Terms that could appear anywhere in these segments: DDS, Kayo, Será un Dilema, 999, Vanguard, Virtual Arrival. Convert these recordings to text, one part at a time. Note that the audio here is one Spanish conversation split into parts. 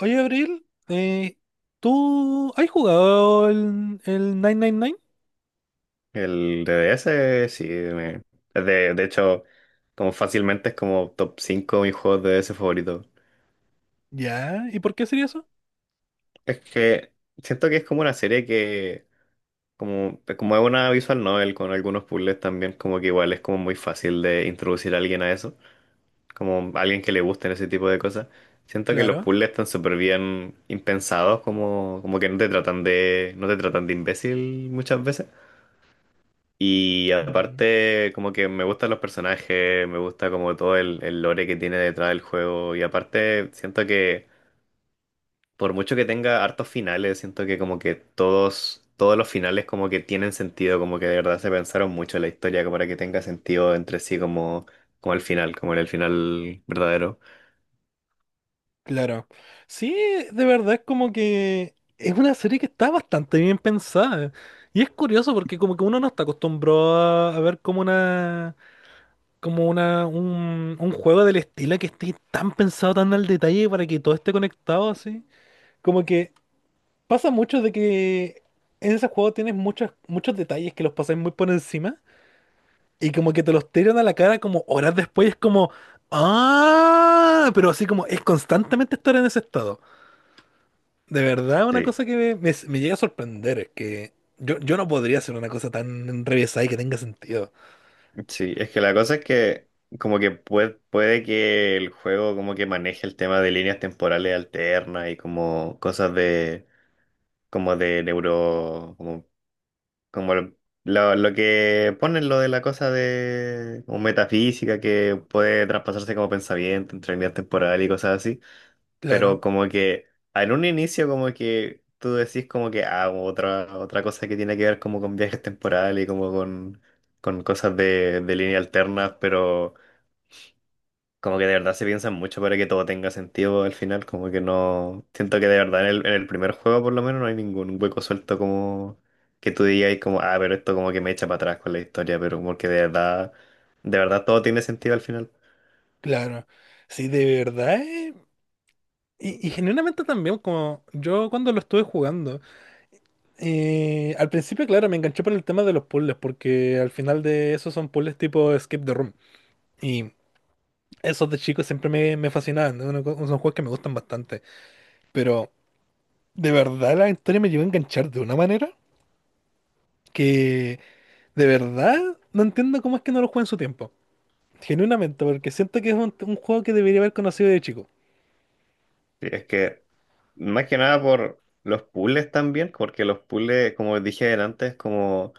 Oye, Abril, ¿tú has jugado el 999? El D. D S. Sí. De hecho, como fácilmente es como top 5 de mis juegos de DDS favoritos. Ya, ¿y por qué sería eso? Es que siento que es como una serie que, como es una visual novel con algunos puzzles también, como que igual es como muy fácil de introducir a alguien a eso, como alguien que le gusten ese tipo de cosas. Siento que los Claro. puzzles están súper bien impensados, como que no te tratan de imbécil muchas veces. Y Ujú. aparte, como que me gustan los personajes, me gusta como todo el lore que tiene detrás del juego. Y aparte, siento que por mucho que tenga hartos finales, siento que como que todos los finales como que tienen sentido, como que de verdad se pensaron mucho en la historia como para que tenga sentido entre sí como, como el final, como en el final verdadero. Claro. Sí, de verdad es como que es una serie que está bastante bien pensada. Y es curioso porque como que uno no está acostumbrado a ver como un juego del estilo que esté tan pensado, tan al detalle para que todo esté conectado así. Como que pasa mucho de que en ese juego tienes muchos detalles que los pasáis muy por encima y como que te los tiran a la cara como horas después, es como, ah, pero así como es constantemente estar en ese estado. De verdad, una Sí, cosa que me llega a sorprender es que yo no podría hacer una cosa tan revesada y que tenga sentido. sí, es que la cosa es que como que puede que el juego como que maneje el tema de líneas temporales alternas y como cosas de como de neuro, como, como lo, lo que ponen lo de la cosa de como metafísica que puede traspasarse como pensamiento entre líneas temporales y cosas así, pero Claro, como que en un inicio como que tú decís como que ah, otra cosa que tiene que ver como con viajes temporales y como con cosas de línea alterna, pero... Como que de verdad se piensan mucho para que todo tenga sentido al final, como que no... Siento que de verdad en el primer juego por lo menos no hay ningún hueco suelto como que tú digas como, ah, pero esto como que me echa para atrás con la historia, pero como que de verdad todo tiene sentido al final. claro. Sí, de verdad. Y genuinamente también, como yo cuando lo estuve jugando. Al principio, claro, me enganché por el tema de los puzzles, porque al final de esos son puzzles tipo Skip the Room. Y esos de chicos siempre me fascinaban, ¿no? Son juegos que me gustan bastante. Pero de verdad la historia me llegó a enganchar de una manera que de verdad no entiendo cómo es que no lo jugué en su tiempo. Genuinamente, porque siento que es un juego que debería haber conocido de chico. Y es que más que nada por los puzzles también, porque los puzzles, como dije antes, como...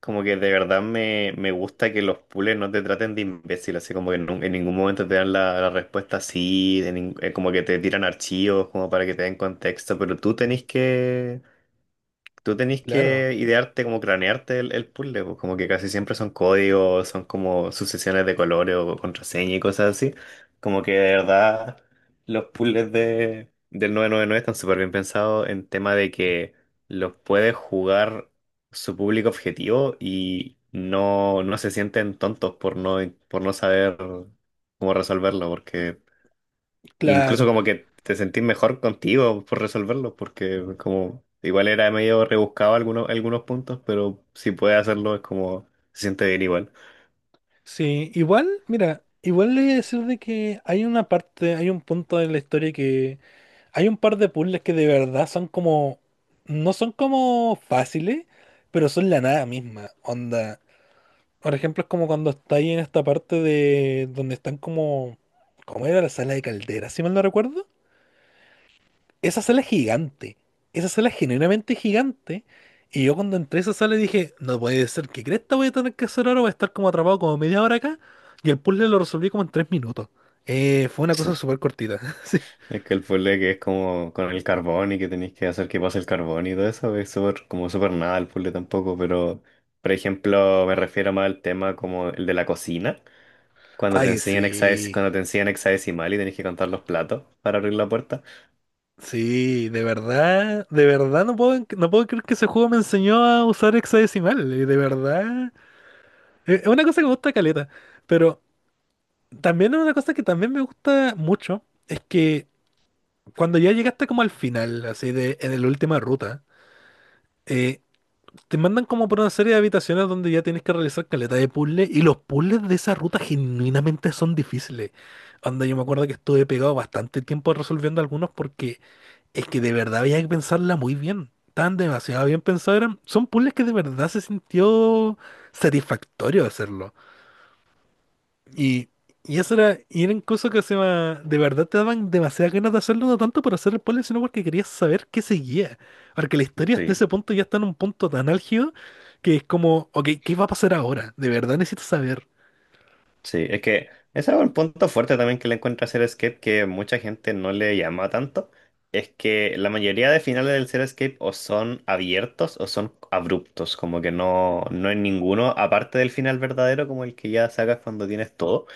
Como que de verdad me gusta que los pules no te traten de imbécil, así como que ningún momento te dan la respuesta así, como que te tiran archivos como para que te den contexto, pero tú tenés que, Tú tenés Claro, que idearte, como cranearte el puzzle, pues, como que casi siempre son códigos, son como sucesiones de colores o contraseña y cosas así. Como que de verdad los puzzles del 999 están súper bien pensados en tema de que los puede jugar su público objetivo y no se sienten tontos por no saber cómo resolverlo, porque y incluso claro. como que te sentís mejor contigo por resolverlo, porque como igual era medio rebuscado algunos, algunos puntos, pero si puedes hacerlo es como se siente bien igual. Sí, igual, mira, igual le voy a decir de que hay una parte, hay un punto en la historia que hay un par de puzzles que de verdad son como, no son como fáciles, pero son la nada misma. Onda, por ejemplo, es como cuando estáis en esta parte de donde están como, ¿cómo era la sala de caldera, si mal no recuerdo? Esa sala es gigante, esa sala es genuinamente gigante. Y yo cuando entré a esa sala dije, no puede ser, ¿qué cresta voy a tener que hacer ahora? Voy a estar como atrapado como media hora acá. Y el puzzle lo resolví como en tres minutos. Fue una cosa Sí. súper cortita. Sí. Es que el puzzle que es como con el carbón y que tenéis que hacer que pase el carbón y todo eso, es súper, como súper nada el puzzle tampoco, pero por ejemplo me refiero más al tema como el de la cocina, cuando te Ay, enseñan hexadecimal, sí. cuando te enseñan hexadecimal y tenés que contar los platos para abrir la puerta. Sí, de verdad no puedo, no puedo creer que ese juego me enseñó a usar hexadecimal, de verdad. Es una cosa que me gusta caleta, pero también es una cosa que también me gusta mucho, es que cuando ya llegaste como al final, así de en la última ruta, eh, te mandan como por una serie de habitaciones donde ya tienes que realizar caleta de puzzles y los puzzles de esa ruta genuinamente son difíciles. Anda, yo me acuerdo que estuve pegado bastante tiempo resolviendo algunos porque es que de verdad había que pensarla muy bien. Tan demasiado bien pensados eran. Son puzzles que de verdad se sintió satisfactorio hacerlo. Y, y eso era, y eran cosas que de verdad te daban demasiadas ganas de hacerlo, no tanto por hacer el puzzle, sino porque querías saber qué seguía. Porque la historia hasta Sí. ese punto ya está en un punto tan álgido que es como, ok, ¿qué va a pasar ahora? De verdad necesito saber. Sí, es que ese es un punto fuerte también que le encuentro a Escape que mucha gente no le llama tanto. Es que la mayoría de finales del Escape o son abiertos o son abruptos, como que no hay ninguno, aparte del final verdadero, como el que ya sacas cuando tienes todo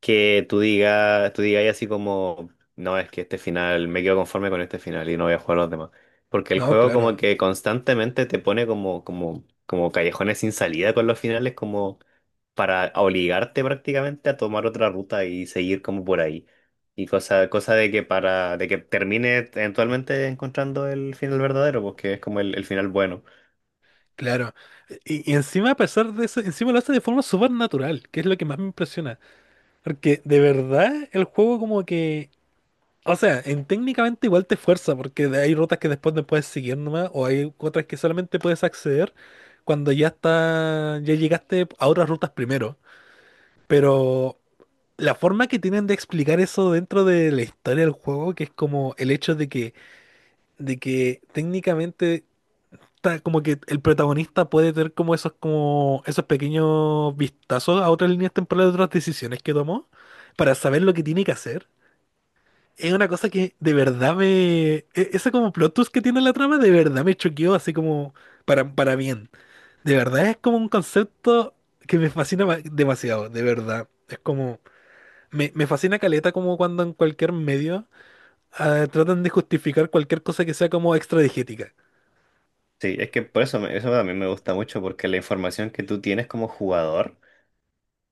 que tú digas así como, no, es que este final, me quedo conforme con este final y no voy a jugar los demás. Porque el No, juego como claro, que constantemente te pone como, como callejones sin salida con los finales, como para obligarte prácticamente a tomar otra ruta y seguir como por ahí. Y cosa de que de que termine eventualmente encontrando el final verdadero, porque es como el final bueno. claro. Y encima, a pesar de eso, encima lo hace de forma súper natural, que es lo que más me impresiona. Porque de verdad el juego como que... O sea, en técnicamente igual te fuerza porque hay rutas que después no puedes seguir nomás, o hay otras que solamente puedes acceder cuando ya está, ya llegaste a otras rutas primero. Pero la forma que tienen de explicar eso dentro de la historia del juego, que es como el hecho de que técnicamente está como que el protagonista puede tener como esos pequeños vistazos a otras líneas temporales de otras decisiones que tomó, para saber lo que tiene que hacer es una cosa que de verdad me... Ese como plot twist que tiene la trama, de verdad me choqueó así como para bien. De verdad es como un concepto que me fascina demasiado, de verdad. Es como... Me fascina caleta como cuando en cualquier medio ah, tratan de justificar cualquier cosa que sea como extradigética. Sí, es que por eso, eso también me gusta mucho, porque la información que tú, tienes como jugador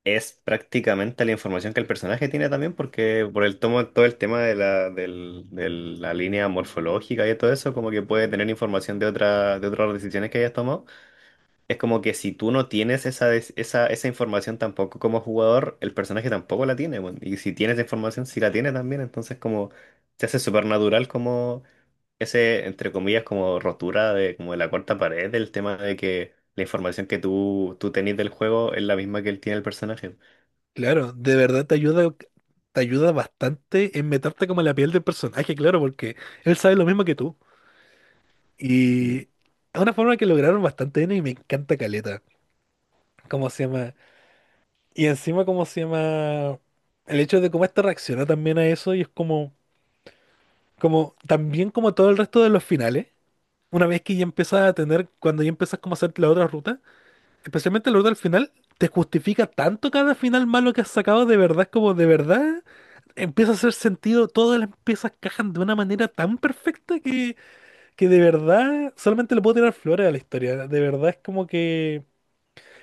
es prácticamente la información que el personaje tiene también, porque por el tomo, todo el tema de la, de la línea morfológica y todo eso, como que puede tener información de otras decisiones que hayas tomado. Es como que si tú no tienes esa información tampoco como jugador, el personaje tampoco la tiene, weón. Y si tienes esa información, sí la tiene también. Entonces como se hace súper natural como ese, entre comillas, como rotura de como de la cuarta pared, del tema de que la información que tú tenés del juego es la misma que él tiene el personaje. Claro, de verdad te ayuda bastante en meterte como en la piel del personaje, claro, porque él sabe lo mismo que tú. Y es una forma que lograron bastante bien y me encanta caleta. ¿Cómo se llama? Y encima, ¿cómo se llama? El hecho de cómo esta reacciona también a eso y es como, como, también como todo el resto de los finales, una vez que ya empiezas a tener, cuando ya empiezas como a hacer la otra ruta, especialmente la ruta del final, te justifica tanto cada final malo que has sacado, de verdad, es como de verdad, empieza a hacer sentido, todas las piezas cajan de una manera tan perfecta que de verdad solamente le puedo tirar flores a la historia, de verdad es como que...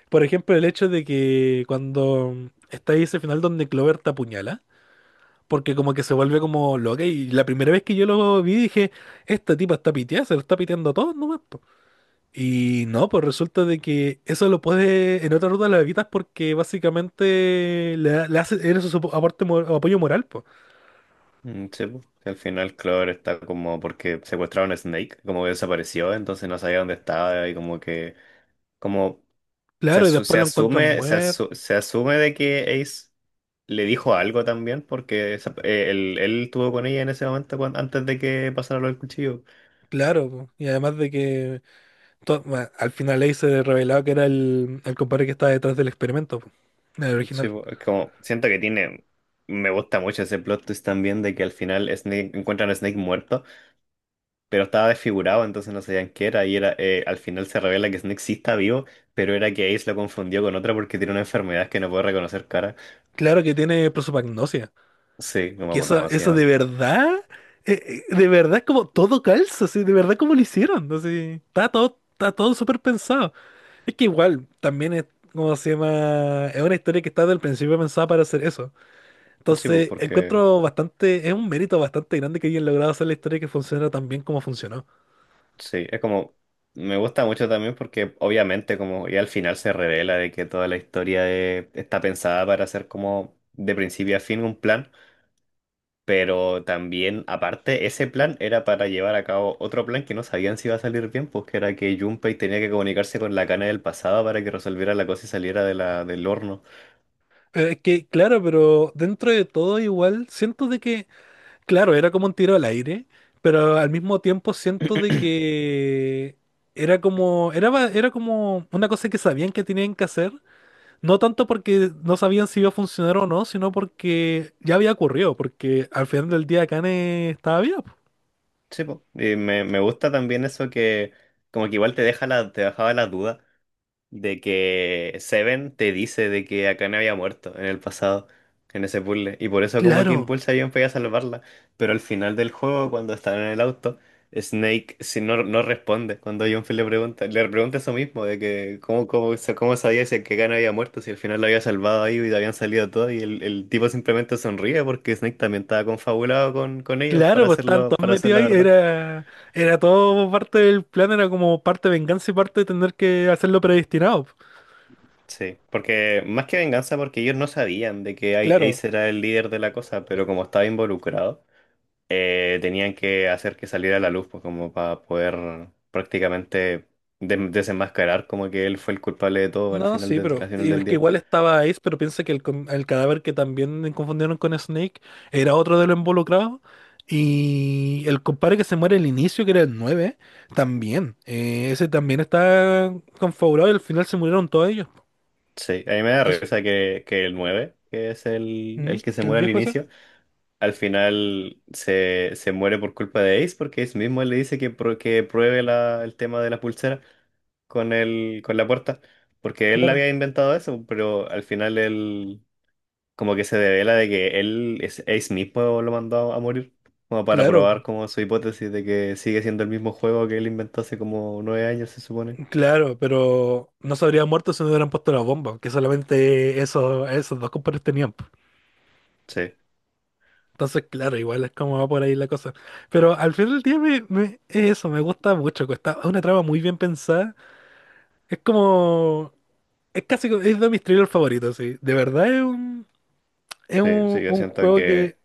Por ejemplo, el hecho de que cuando está ahí ese final donde Clover te apuñala, porque como que se vuelve como loca y la primera vez que yo lo vi dije, esta tipa está piteada, se lo está piteando a todos nomás, po". Y no, pues resulta de que eso lo puede, en otra ruta lo evitas porque básicamente le hace, eres su aporte, o apoyo moral, pues. Mm. Sí, po, que al final Clover está como porque secuestraron a Snake, como que desapareció, entonces no sabía dónde estaba y como que como se, Claro, y asu- se después lo encuentran asume se, muerto. asu- se asume de que Ace le dijo algo también porque él estuvo con ella en ese momento antes de que pasara lo del cuchillo. Claro, po. Y además de que bueno, al final ahí se revelaba que era el compadre que estaba detrás del experimento, po, el Sí, original. po, es como siento que tiene. Me gusta mucho ese plot twist también de que al final Snake encuentran a Snake muerto pero estaba desfigurado, entonces no sabían qué era. Y era, al final se revela que Snake sí está vivo, pero era que Ace lo confundió con otra porque tiene una enfermedad que no puede reconocer cara. Claro que tiene prosopagnosia. Sí, no me Que acuerdo eso, cómo se eso llama. De verdad como todo calza, así, de verdad como lo hicieron, así, está todo súper pensado. Es que igual, también es, como se llama? Es una historia que está desde el principio pensada para hacer eso. Sí, pues Entonces, porque, encuentro bastante, es un mérito bastante grande que hayan logrado hacer la historia que funciona tan bien como funcionó. sí, es como, me gusta mucho también porque obviamente como ya al final se revela de que toda la historia está pensada para ser como de principio a fin un plan. Pero también, aparte, ese plan era para llevar a cabo otro plan que no sabían si iba a salir bien, pues que era que Junpei tenía que comunicarse con la cana del pasado para que resolviera la cosa y saliera de la, del horno. Es que, claro, pero dentro de todo igual, siento de que... Claro, era como un tiro al aire, pero al mismo tiempo siento de que era como, era como una cosa que sabían que tenían que hacer, no tanto porque no sabían si iba a funcionar o no, sino porque ya había ocurrido, porque al final del día Kane estaba vivo. Sí, pues. Y me gusta también eso que como que igual te dejaba la duda de que Seven te dice de que Akane había muerto en el pasado, en ese puzzle, y por eso como que Claro, impulsa a Junpei a salvarla, pero al final del juego, cuando están en el auto, Snake si no responde cuando Junpei le pregunta eso mismo, de que cómo sabía si que Akane había muerto, si al final lo había salvado ahí y habían salido todos, y el tipo simplemente sonríe porque Snake también estaba confabulado con ellos claro, para pues estaban hacerlo, todos para hacer metidos la ahí, verdad. era, era todo parte del plan, era como parte venganza y parte de tener que hacerlo predestinado. Sí, porque más que venganza, porque ellos no sabían de que Claro. Ace era el líder de la cosa, pero como estaba involucrado, tenían que hacer que saliera a la luz, pues como para poder prácticamente desenmascarar como que él fue el culpable de todo No, sí, pero al final y es del que día. igual estaba Ace, pero piensa que el cadáver que también confundieron con Snake era otro de los involucrados. Y el compadre que se muere al inicio, que era el 9 también. Ese también está configurado y al final se murieron todos ellos. Sí, a mí me da Y eso- risa que el 9 que es el, ¿Mm? el que se ¿El muere al viejo ese? inicio, al final se muere por culpa de Ace, porque Ace mismo le dice que, que pruebe el tema de la pulsera, con el, con la puerta, porque él Claro, había inventado eso, pero al final él como que se devela de que él es Ace mismo lo mandó a morir, como para claro, probar como su hipótesis de que sigue siendo el mismo juego que él inventó hace como 9 años, se supone. claro, pero no se habría muerto si no hubieran puesto la bomba, que solamente esos, esos dos compadres tenían. Sí, Entonces, claro, igual es como va por ahí la cosa. Pero al final del día es eso, me gusta mucho. Que está es una trama muy bien pensada. Es como... Es casi... Es de mis thrillers favoritos, sí. De verdad es un, es sí, sí, un, yo un siento juego que, que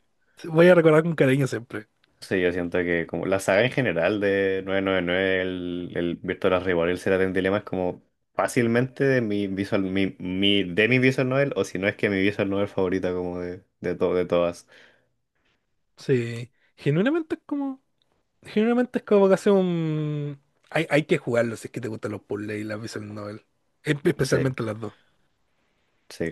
voy a recordar con cariño siempre. sí, yo siento que como la saga en general de 999 el Virtual Arrival, el Será un Dilema es como fácilmente de mi visual novel, o si no es que mi visual novel favorita como de todas. Sí. Genuinamente es como... Genuinamente es como casi un... Hay que jugarlo si es que te gustan los puzzles y las visual novel. Sí. Especialmente las dos. Sí.